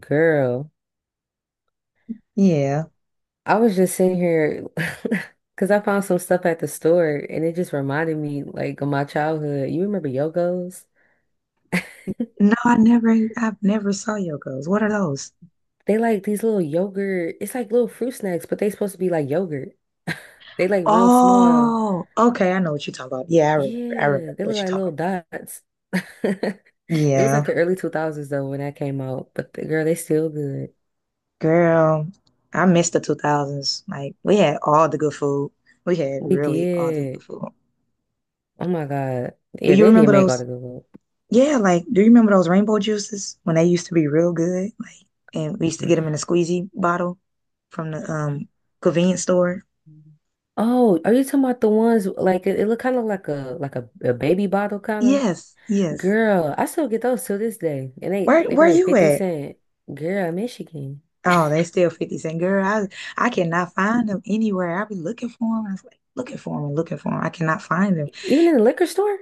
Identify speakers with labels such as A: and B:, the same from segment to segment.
A: Girl,
B: Yeah.
A: I was just sitting here because I found some stuff at the store and it just reminded me like of my childhood. You remember Yogos?
B: No, I never, I've never saw Yokos. What are those?
A: They like these little yogurt, it's like little fruit snacks, but they supposed to be like yogurt. They like real small.
B: Oh, okay. I know what you're talking about. Yeah, I remember. I remember
A: Yeah, they look
B: what you're
A: like little
B: talking
A: dots.
B: about.
A: It was like
B: Yeah,
A: the early 2000s though when that came out, but the, girl, they still good.
B: girl, I miss the 2000s. Like, we had all the good food. We had
A: We
B: really all the good
A: did.
B: food.
A: Oh my God.
B: Do
A: Yeah,
B: you
A: they did
B: remember
A: make all the
B: those?
A: good ones.
B: Yeah, like, do you remember those rainbow juices when they used to be real good? Like, and we used to get them in a squeezy bottle from the convenience store.
A: Oh, are you talking about the ones like it look kind of like a like a baby bottle kind
B: Yes,
A: of?
B: yes.
A: Girl, I still get those till this day, and they
B: Where
A: they be
B: where
A: like
B: you
A: 50
B: at?
A: cent. Girl, Michigan,
B: Oh, they still 50 Cent. Girl, I cannot find them anywhere. I be looking for them. I was like, looking for them and looking for them. I cannot find them.
A: even in the liquor store?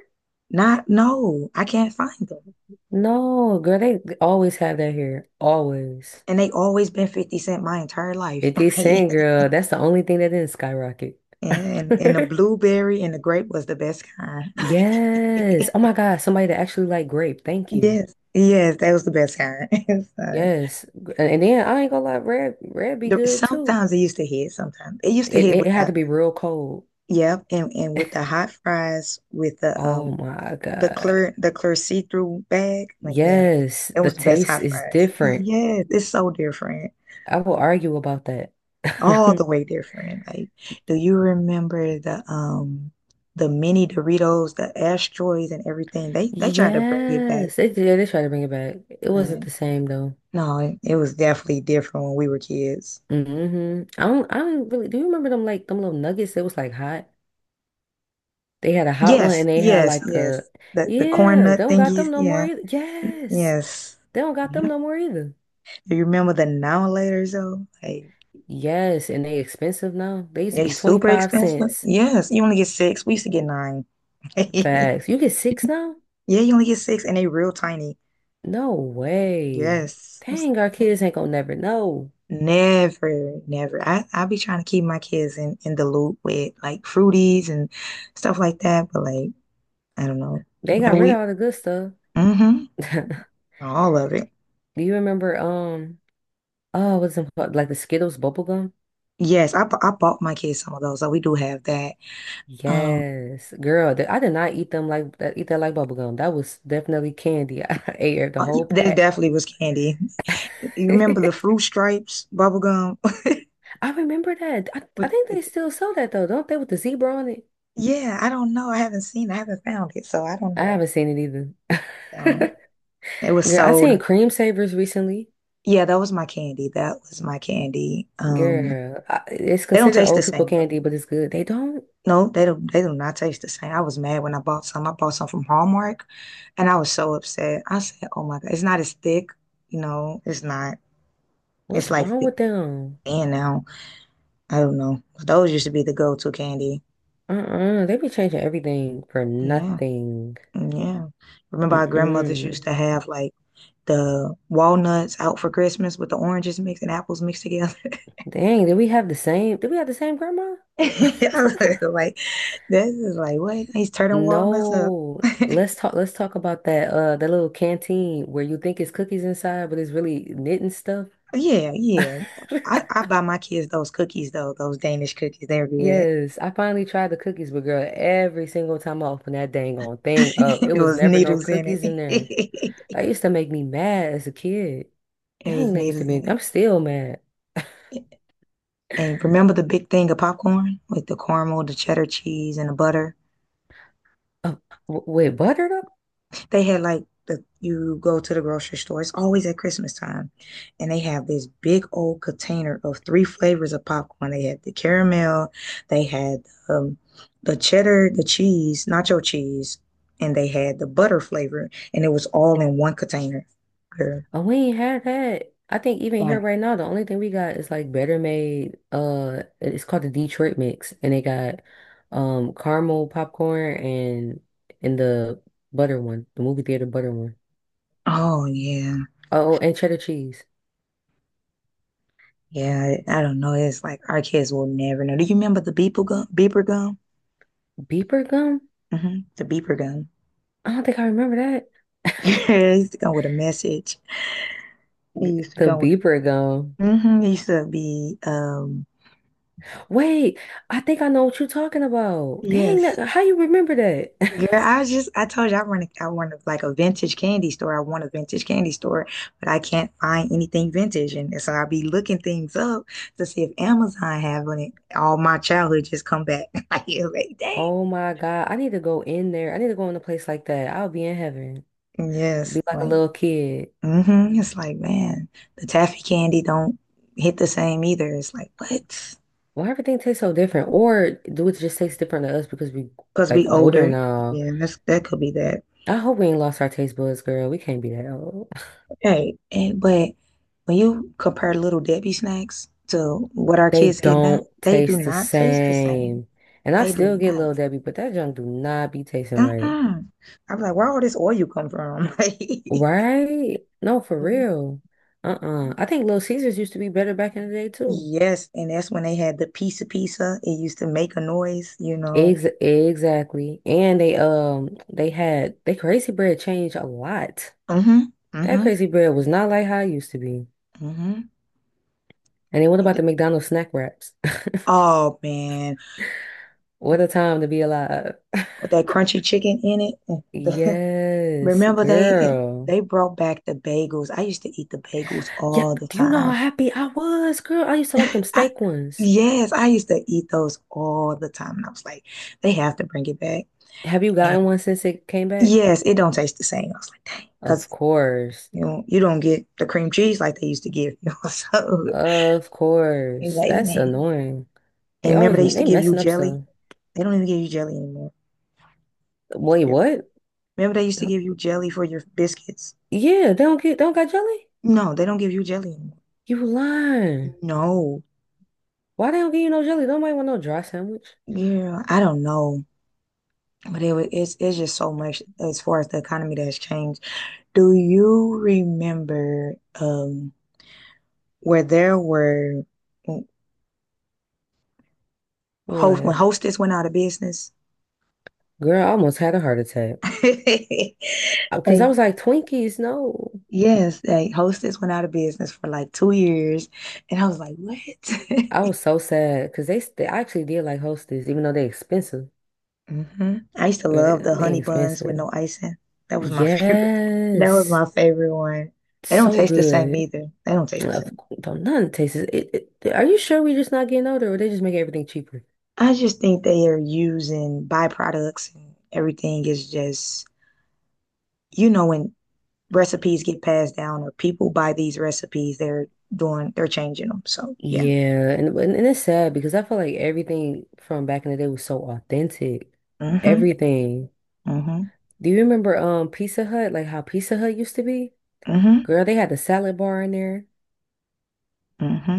B: Not, no, I can't find them.
A: No, girl, they always have that here. Always
B: And they always been 50 Cent my entire life.
A: 50
B: Like,
A: cent, girl. That's the only thing that didn't skyrocket.
B: and the blueberry and the grape was the best kind.
A: Yes. Oh my God, somebody that actually like grape. Thank you.
B: Yes, yes, that was the best kind. So,
A: Yes, and then I ain't gonna lie, red be good too.
B: sometimes it used to hit. Sometimes it used to
A: It
B: hit
A: it
B: with
A: had
B: the
A: to be real cold.
B: yep, and with the hot fries with the
A: Oh
B: um
A: my
B: the
A: God.
B: clear the clear see-through bag. Like, yeah, yeah,
A: Yes,
B: it
A: the
B: was the best
A: taste
B: hot
A: is
B: fries.
A: different.
B: Yes, it's so different.
A: I will argue about that.
B: All the way different. Like, do you remember the mini Doritos, the asteroids and everything? They tried to bring it back.
A: Yes, they did. They tried to bring it back. It
B: But
A: wasn't the same though.
B: no, it was definitely different when we were kids.
A: I don't. I don't really. Do you remember them like them little nuggets that was like hot? They had a hot one
B: Yes,
A: and they had
B: yes,
A: like a
B: yes. The corn
A: yeah. They
B: nut
A: don't got them
B: thingies,
A: no more
B: yeah,
A: either. Yes,
B: yes.
A: they don't got them
B: Yep.
A: no more either.
B: Do you remember the now laters though? Like
A: Yes, and they expensive now. They used to
B: they
A: be
B: super
A: 25
B: expensive.
A: cents.
B: Yes, you only get six. We used to get nine.
A: Facts. You get six now?
B: Yeah, you only get six and they real tiny.
A: No way.
B: Yes. I was
A: Dang,
B: like,
A: our
B: "Dang."
A: kids ain't gonna never know.
B: Never, never. I be trying to keep my kids in the loop with like fruities and stuff like that, but like I don't know.
A: They got
B: And
A: rid
B: we
A: of all the good stuff.
B: mm-hmm, all of it.
A: Do you remember, oh, what's it called? Like the Skittles bubble gum?
B: Yes, I bought my kids some of those, so we do have that. Um
A: Yes, girl, I did not eat them like that, eat that like bubble gum. That was definitely candy. I ate the whole
B: there
A: pack.
B: definitely was candy. You remember the fruit stripes bubble gum?
A: I remember that. I think they still sell that though, don't they? With the zebra on it.
B: Yeah, I don't know. I haven't seen it. I haven't found it, so I don't
A: I
B: know.
A: haven't seen it either.
B: Um, it was
A: Girl, I seen
B: so,
A: cream savers recently.
B: yeah, that was my candy. That was my candy.
A: Girl, it's
B: They don't
A: considered
B: taste the
A: old people
B: same though.
A: candy, but it's good. They don't.
B: No, they don't. They do not taste the same. I was mad when I bought some. I bought some from Hallmark, and I was so upset. I said, "Oh my God, it's not as thick. You know, it's not. It's
A: What's
B: like
A: wrong
B: thick
A: with them?
B: and now. I don't know. Those used to be the go-to candy.
A: Uh-uh. They be changing everything for
B: Yeah,
A: nothing.
B: yeah. Remember, our grandmothers used
A: Mm-mm.
B: to have like the walnuts out for Christmas with the oranges mixed and apples mixed together.
A: Dang, did we have the same? Did we have the same grandma?
B: I was like, this is like what? He's turning walnuts up.
A: No. Let's talk. Let's talk about that. That little canteen where you think it's cookies inside, but it's really knitting stuff.
B: Yeah, yeah. I buy my kids those cookies though, those Danish cookies. They're good.
A: Yes, I finally tried the cookies, but girl, every single time I opened that dang on thing up, it
B: It
A: was
B: was
A: never no
B: needles in
A: cookies in there.
B: it.
A: That used to make me mad as a kid.
B: It was
A: Dang, that used to
B: needles
A: make
B: in
A: I'm still mad.
B: it. And remember the big thing of popcorn with the caramel, the cheddar cheese, and the butter?
A: Uh, with butter though?
B: They had like the you go to the grocery store. It's always at Christmas time, and they have this big old container of three flavors of popcorn. They had the caramel, they had um, the cheddar, the cheese, nacho cheese, and they had the butter flavor, and it was all in one container. Girl,
A: We ain't had that. I think even here
B: like,
A: right now, the only thing we got is like Better Made. It's called the Detroit Mix, and they got caramel popcorn and the butter one, the movie theater butter one.
B: oh yeah,
A: Oh, oh, and cheddar cheese.
B: yeah. I don't know. It's like our kids will never know. Do you remember the beeper gum? Beeper gum?
A: Beeper gum?
B: The beeper gum.
A: I don't think I remember that.
B: It used to come with a message. It used to
A: The
B: come with
A: beeper gum.
B: used to be,
A: Wait, I think I know what you're talking about. Dang, that,
B: yes.
A: how you remember that?
B: Girl, I just I told you I want to like a vintage candy store. I want a vintage candy store, but I can't find anything vintage, and so I'll be looking things up to see if Amazon have on it. All my childhood just come back. Like, you like, dang.
A: Oh my God. I need to go in there. I need to go in a place like that. I'll be in heaven.
B: Yes,
A: Be like a
B: like,
A: little kid.
B: mm-hmm. It's like, man, the taffy candy don't hit the same either. It's like, what?
A: Why everything tastes so different? Or do it just taste different to us because we
B: Because
A: like
B: we
A: older
B: older.
A: now?
B: Yeah, that could be that.
A: I hope we ain't lost our taste buds, girl. We can't be that old.
B: Right. And but when you compare Little Debbie snacks to what our
A: They
B: kids get now,
A: don't
B: they do
A: taste the
B: not taste the same.
A: same. And I
B: They do
A: still get
B: not.
A: Little Debbie, but that junk do not be tasting right.
B: Uh-uh. I'm like, where all this oil come from?
A: Right? No, for
B: Like,
A: real. Uh-uh. I think Little Caesars used to be better back in the day too.
B: yes. And that's when they had the pizza pizza. It used to make a noise, you know.
A: Ex exactly. And they had they crazy bread changed a lot.
B: Mm-hmm.
A: That
B: Mm-hmm.
A: crazy bread was not like how it used to be.
B: Mm-hmm.
A: And then what
B: And
A: about
B: th-
A: the McDonald's snack wraps?
B: oh man.
A: What a time to be alive.
B: With that crunchy chicken in it. the-
A: Yes,
B: remember they
A: girl.
B: they brought back the bagels. I used to eat the bagels
A: Yeah,
B: all the
A: do you know how
B: time.
A: happy I was, girl? I used to like them
B: I,
A: steak ones.
B: yes, I used to eat those all the time. And I was like, they have to bring it back.
A: Have you
B: And
A: gotten one since it came back?
B: yes, it don't taste the same. I was like, dang,
A: Of
B: because
A: course.
B: you know, you don't get the cream cheese like they used to give you. So
A: Of
B: it's
A: course.
B: like,
A: That's
B: man.
A: annoying.
B: And
A: They
B: remember
A: always
B: they used to
A: they
B: give you
A: messing up
B: jelly?
A: stuff.
B: They don't even give you jelly anymore. For
A: Wait,
B: real.
A: what?
B: Remember they used to
A: Huh?
B: give you jelly for your biscuits?
A: Yeah, they don't get they don't got jelly?
B: No, they don't give you jelly anymore.
A: You lying.
B: No.
A: Why they don't give you no jelly? Nobody want no dry sandwich.
B: Yeah, I don't know. But it's just so much as far as the economy that has changed. Do you remember where there were host when
A: What?
B: Hostess went out of business?
A: Girl, I almost had a heart attack. Because I
B: Like
A: was like, Twinkies, no.
B: yes, like Hostess went out of business for like 2 years, and I was like, what?
A: I was so sad because they I actually did like Hostess, even though they expensive.
B: I used to
A: Girl,
B: love the
A: they
B: honey buns with
A: expensive.
B: no icing. That was my favorite. That was
A: Yes.
B: my favorite one. They don't
A: So
B: taste the same
A: good.
B: either. They don't taste the same.
A: Don't none tastes it. Are you sure we just not getting older or they just make everything cheaper?
B: I just think they are using byproducts and everything is just, you know, when recipes get passed down or people buy these recipes they're doing they're changing them so yeah
A: Yeah, and it's sad because I feel like everything from back in the day was so authentic.
B: mm-hmm
A: Everything.
B: mm-hmm
A: Do you remember Pizza Hut, like how Pizza Hut used to be?
B: mm-hmm
A: Girl, they had the salad bar in there.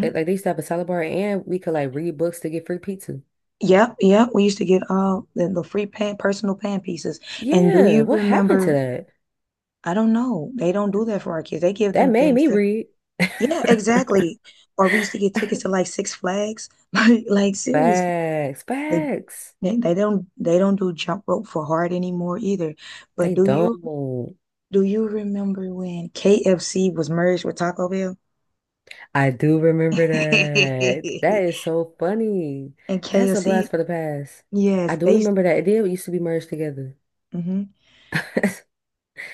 A: They, like they used to have a salad bar and we could like read books to get free pizza.
B: yep yep we used to get the free pan personal pan pieces and do
A: Yeah,
B: you
A: what happened to
B: remember
A: that?
B: I don't know they don't do that for our kids they give
A: That
B: them
A: made
B: things
A: me
B: to
A: read.
B: yeah exactly or we used to get tickets to like Six Flags like seriously
A: Facts,
B: they,
A: facts.
B: they don't they don't do jump rope for hard anymore either but
A: They don't.
B: do you remember when KFC was merged with Taco Bell?
A: I do remember that. That is so funny.
B: And
A: That's a blast
B: KFC,
A: for the past. I
B: yes,
A: do
B: they used
A: remember that. It did used to be merged together.
B: hmm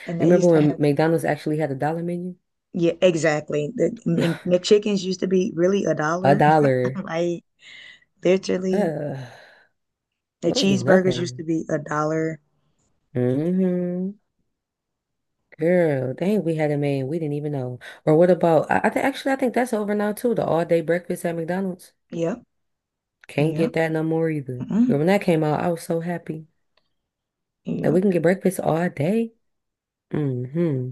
B: and they
A: Remember
B: used to
A: when
B: have these.
A: McDonald's actually had a dollar menu?
B: Yeah, exactly. The and McChickens used to be really a
A: A
B: dollar.
A: dollar.
B: Like literally,
A: Ugh.
B: the
A: We don't get
B: cheeseburgers used to
A: nothing.
B: be a dollar.
A: hmm Girl, dang, we had a man we didn't even know. Or what about, I think actually I think that's over now too, the all day breakfast at McDonald's.
B: Yep,
A: Can't get
B: yep,
A: that no more either. Girl,
B: mm
A: when that came out, I was so happy. That we can
B: yep.
A: get breakfast all day. hmm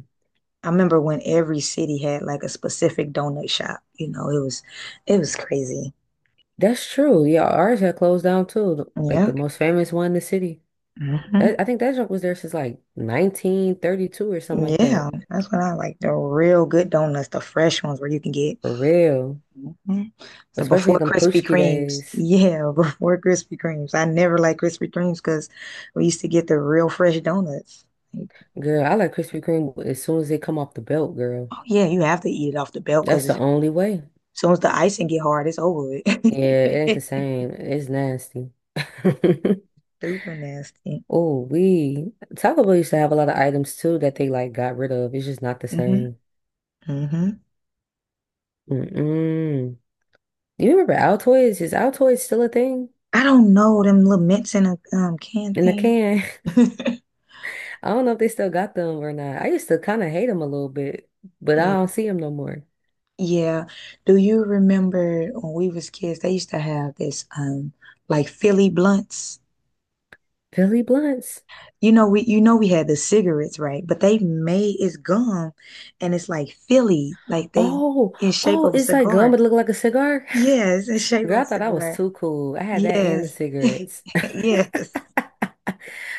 B: I remember when every city had like a specific donut shop. You know, it was crazy.
A: That's true. Yeah, ours had closed down too. Like the
B: Yep.
A: most famous one in the city. That
B: hmm
A: I think that junk was there since like 1932 or something like
B: Yeah,
A: that.
B: that's when I like the real good donuts, the fresh ones where you can get
A: For real.
B: mhm. So
A: Especially
B: before
A: them
B: Krispy
A: Pushki
B: Kremes,
A: days.
B: yeah, before Krispy Kremes, I never liked Krispy Kremes because we used to get the real fresh donuts. Like,
A: Girl, I like Krispy Kreme as soon as they come off the belt, girl.
B: oh yeah, you have to eat it off the belt because
A: That's the
B: as
A: only way.
B: soon as the icing get hard, it's over with.
A: Yeah, it ain't the same. It's nasty.
B: Super nasty.
A: Oh, we Taco Bell used to have a lot of items too that they like got rid of. It's just not the
B: hmm
A: same.
B: hmm
A: Mm-mm. You remember Altoids? Is Altoids still a thing
B: I don't know them little mints in a can
A: in the
B: thing.
A: can? I don't know if they still got them or not. I used to kind of hate them a little bit, but I don't
B: Yeah.
A: see them no more.
B: Yeah. Do you remember when we was kids, they used to have this like Philly blunts?
A: Billy Blunts.
B: You know we you know we had the cigarettes right but they made it's gum and it's like Philly like they
A: Oh,
B: in shape
A: oh,
B: of a
A: it's like gum,
B: cigar
A: but it look like a cigar.
B: yes in shape of
A: Girl,
B: a
A: I thought I was
B: cigar
A: too cool. I had that and the
B: yes
A: cigarettes.
B: yes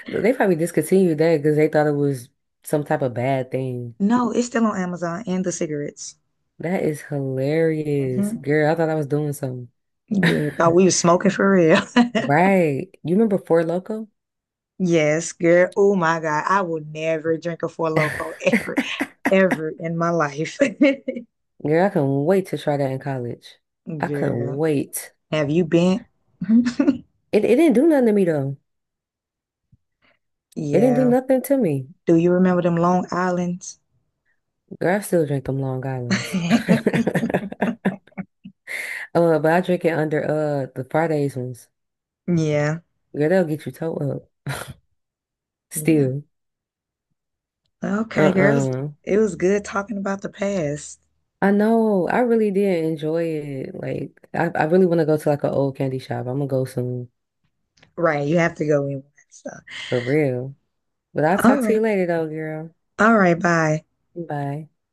A: They probably discontinued that because they thought it was some type of bad thing.
B: no it's still on Amazon and the cigarettes
A: That is hilarious.
B: hmm
A: Girl, I thought I was doing something.
B: girl thought we was smoking for real.
A: Right. You remember Four Loko?
B: Yes girl, oh my God, I will never drink a Four Loko
A: Girl,
B: ever ever in my life.
A: I couldn't wait to try that in college. I couldn't
B: Girl,
A: wait.
B: have you been?
A: It didn't do nothing to me though. It didn't do
B: Yeah,
A: nothing to me.
B: do you remember them Long Islands?
A: Girl, I still drink them Long Islands. But I drink it under the Fridays ones.
B: Yeah,
A: Girl, they'll get you toe up.
B: yeah.
A: Still.
B: Okay, girls.
A: Uh-uh.
B: It was good talking about the past.
A: I know. I really did enjoy it. Like, I really want to go to like an old candy shop. I'm gonna go soon
B: Right, you have to go in with that stuff.
A: for real. But I'll talk
B: All
A: to
B: right.
A: you later though, girl.
B: All right, bye.
A: Bye.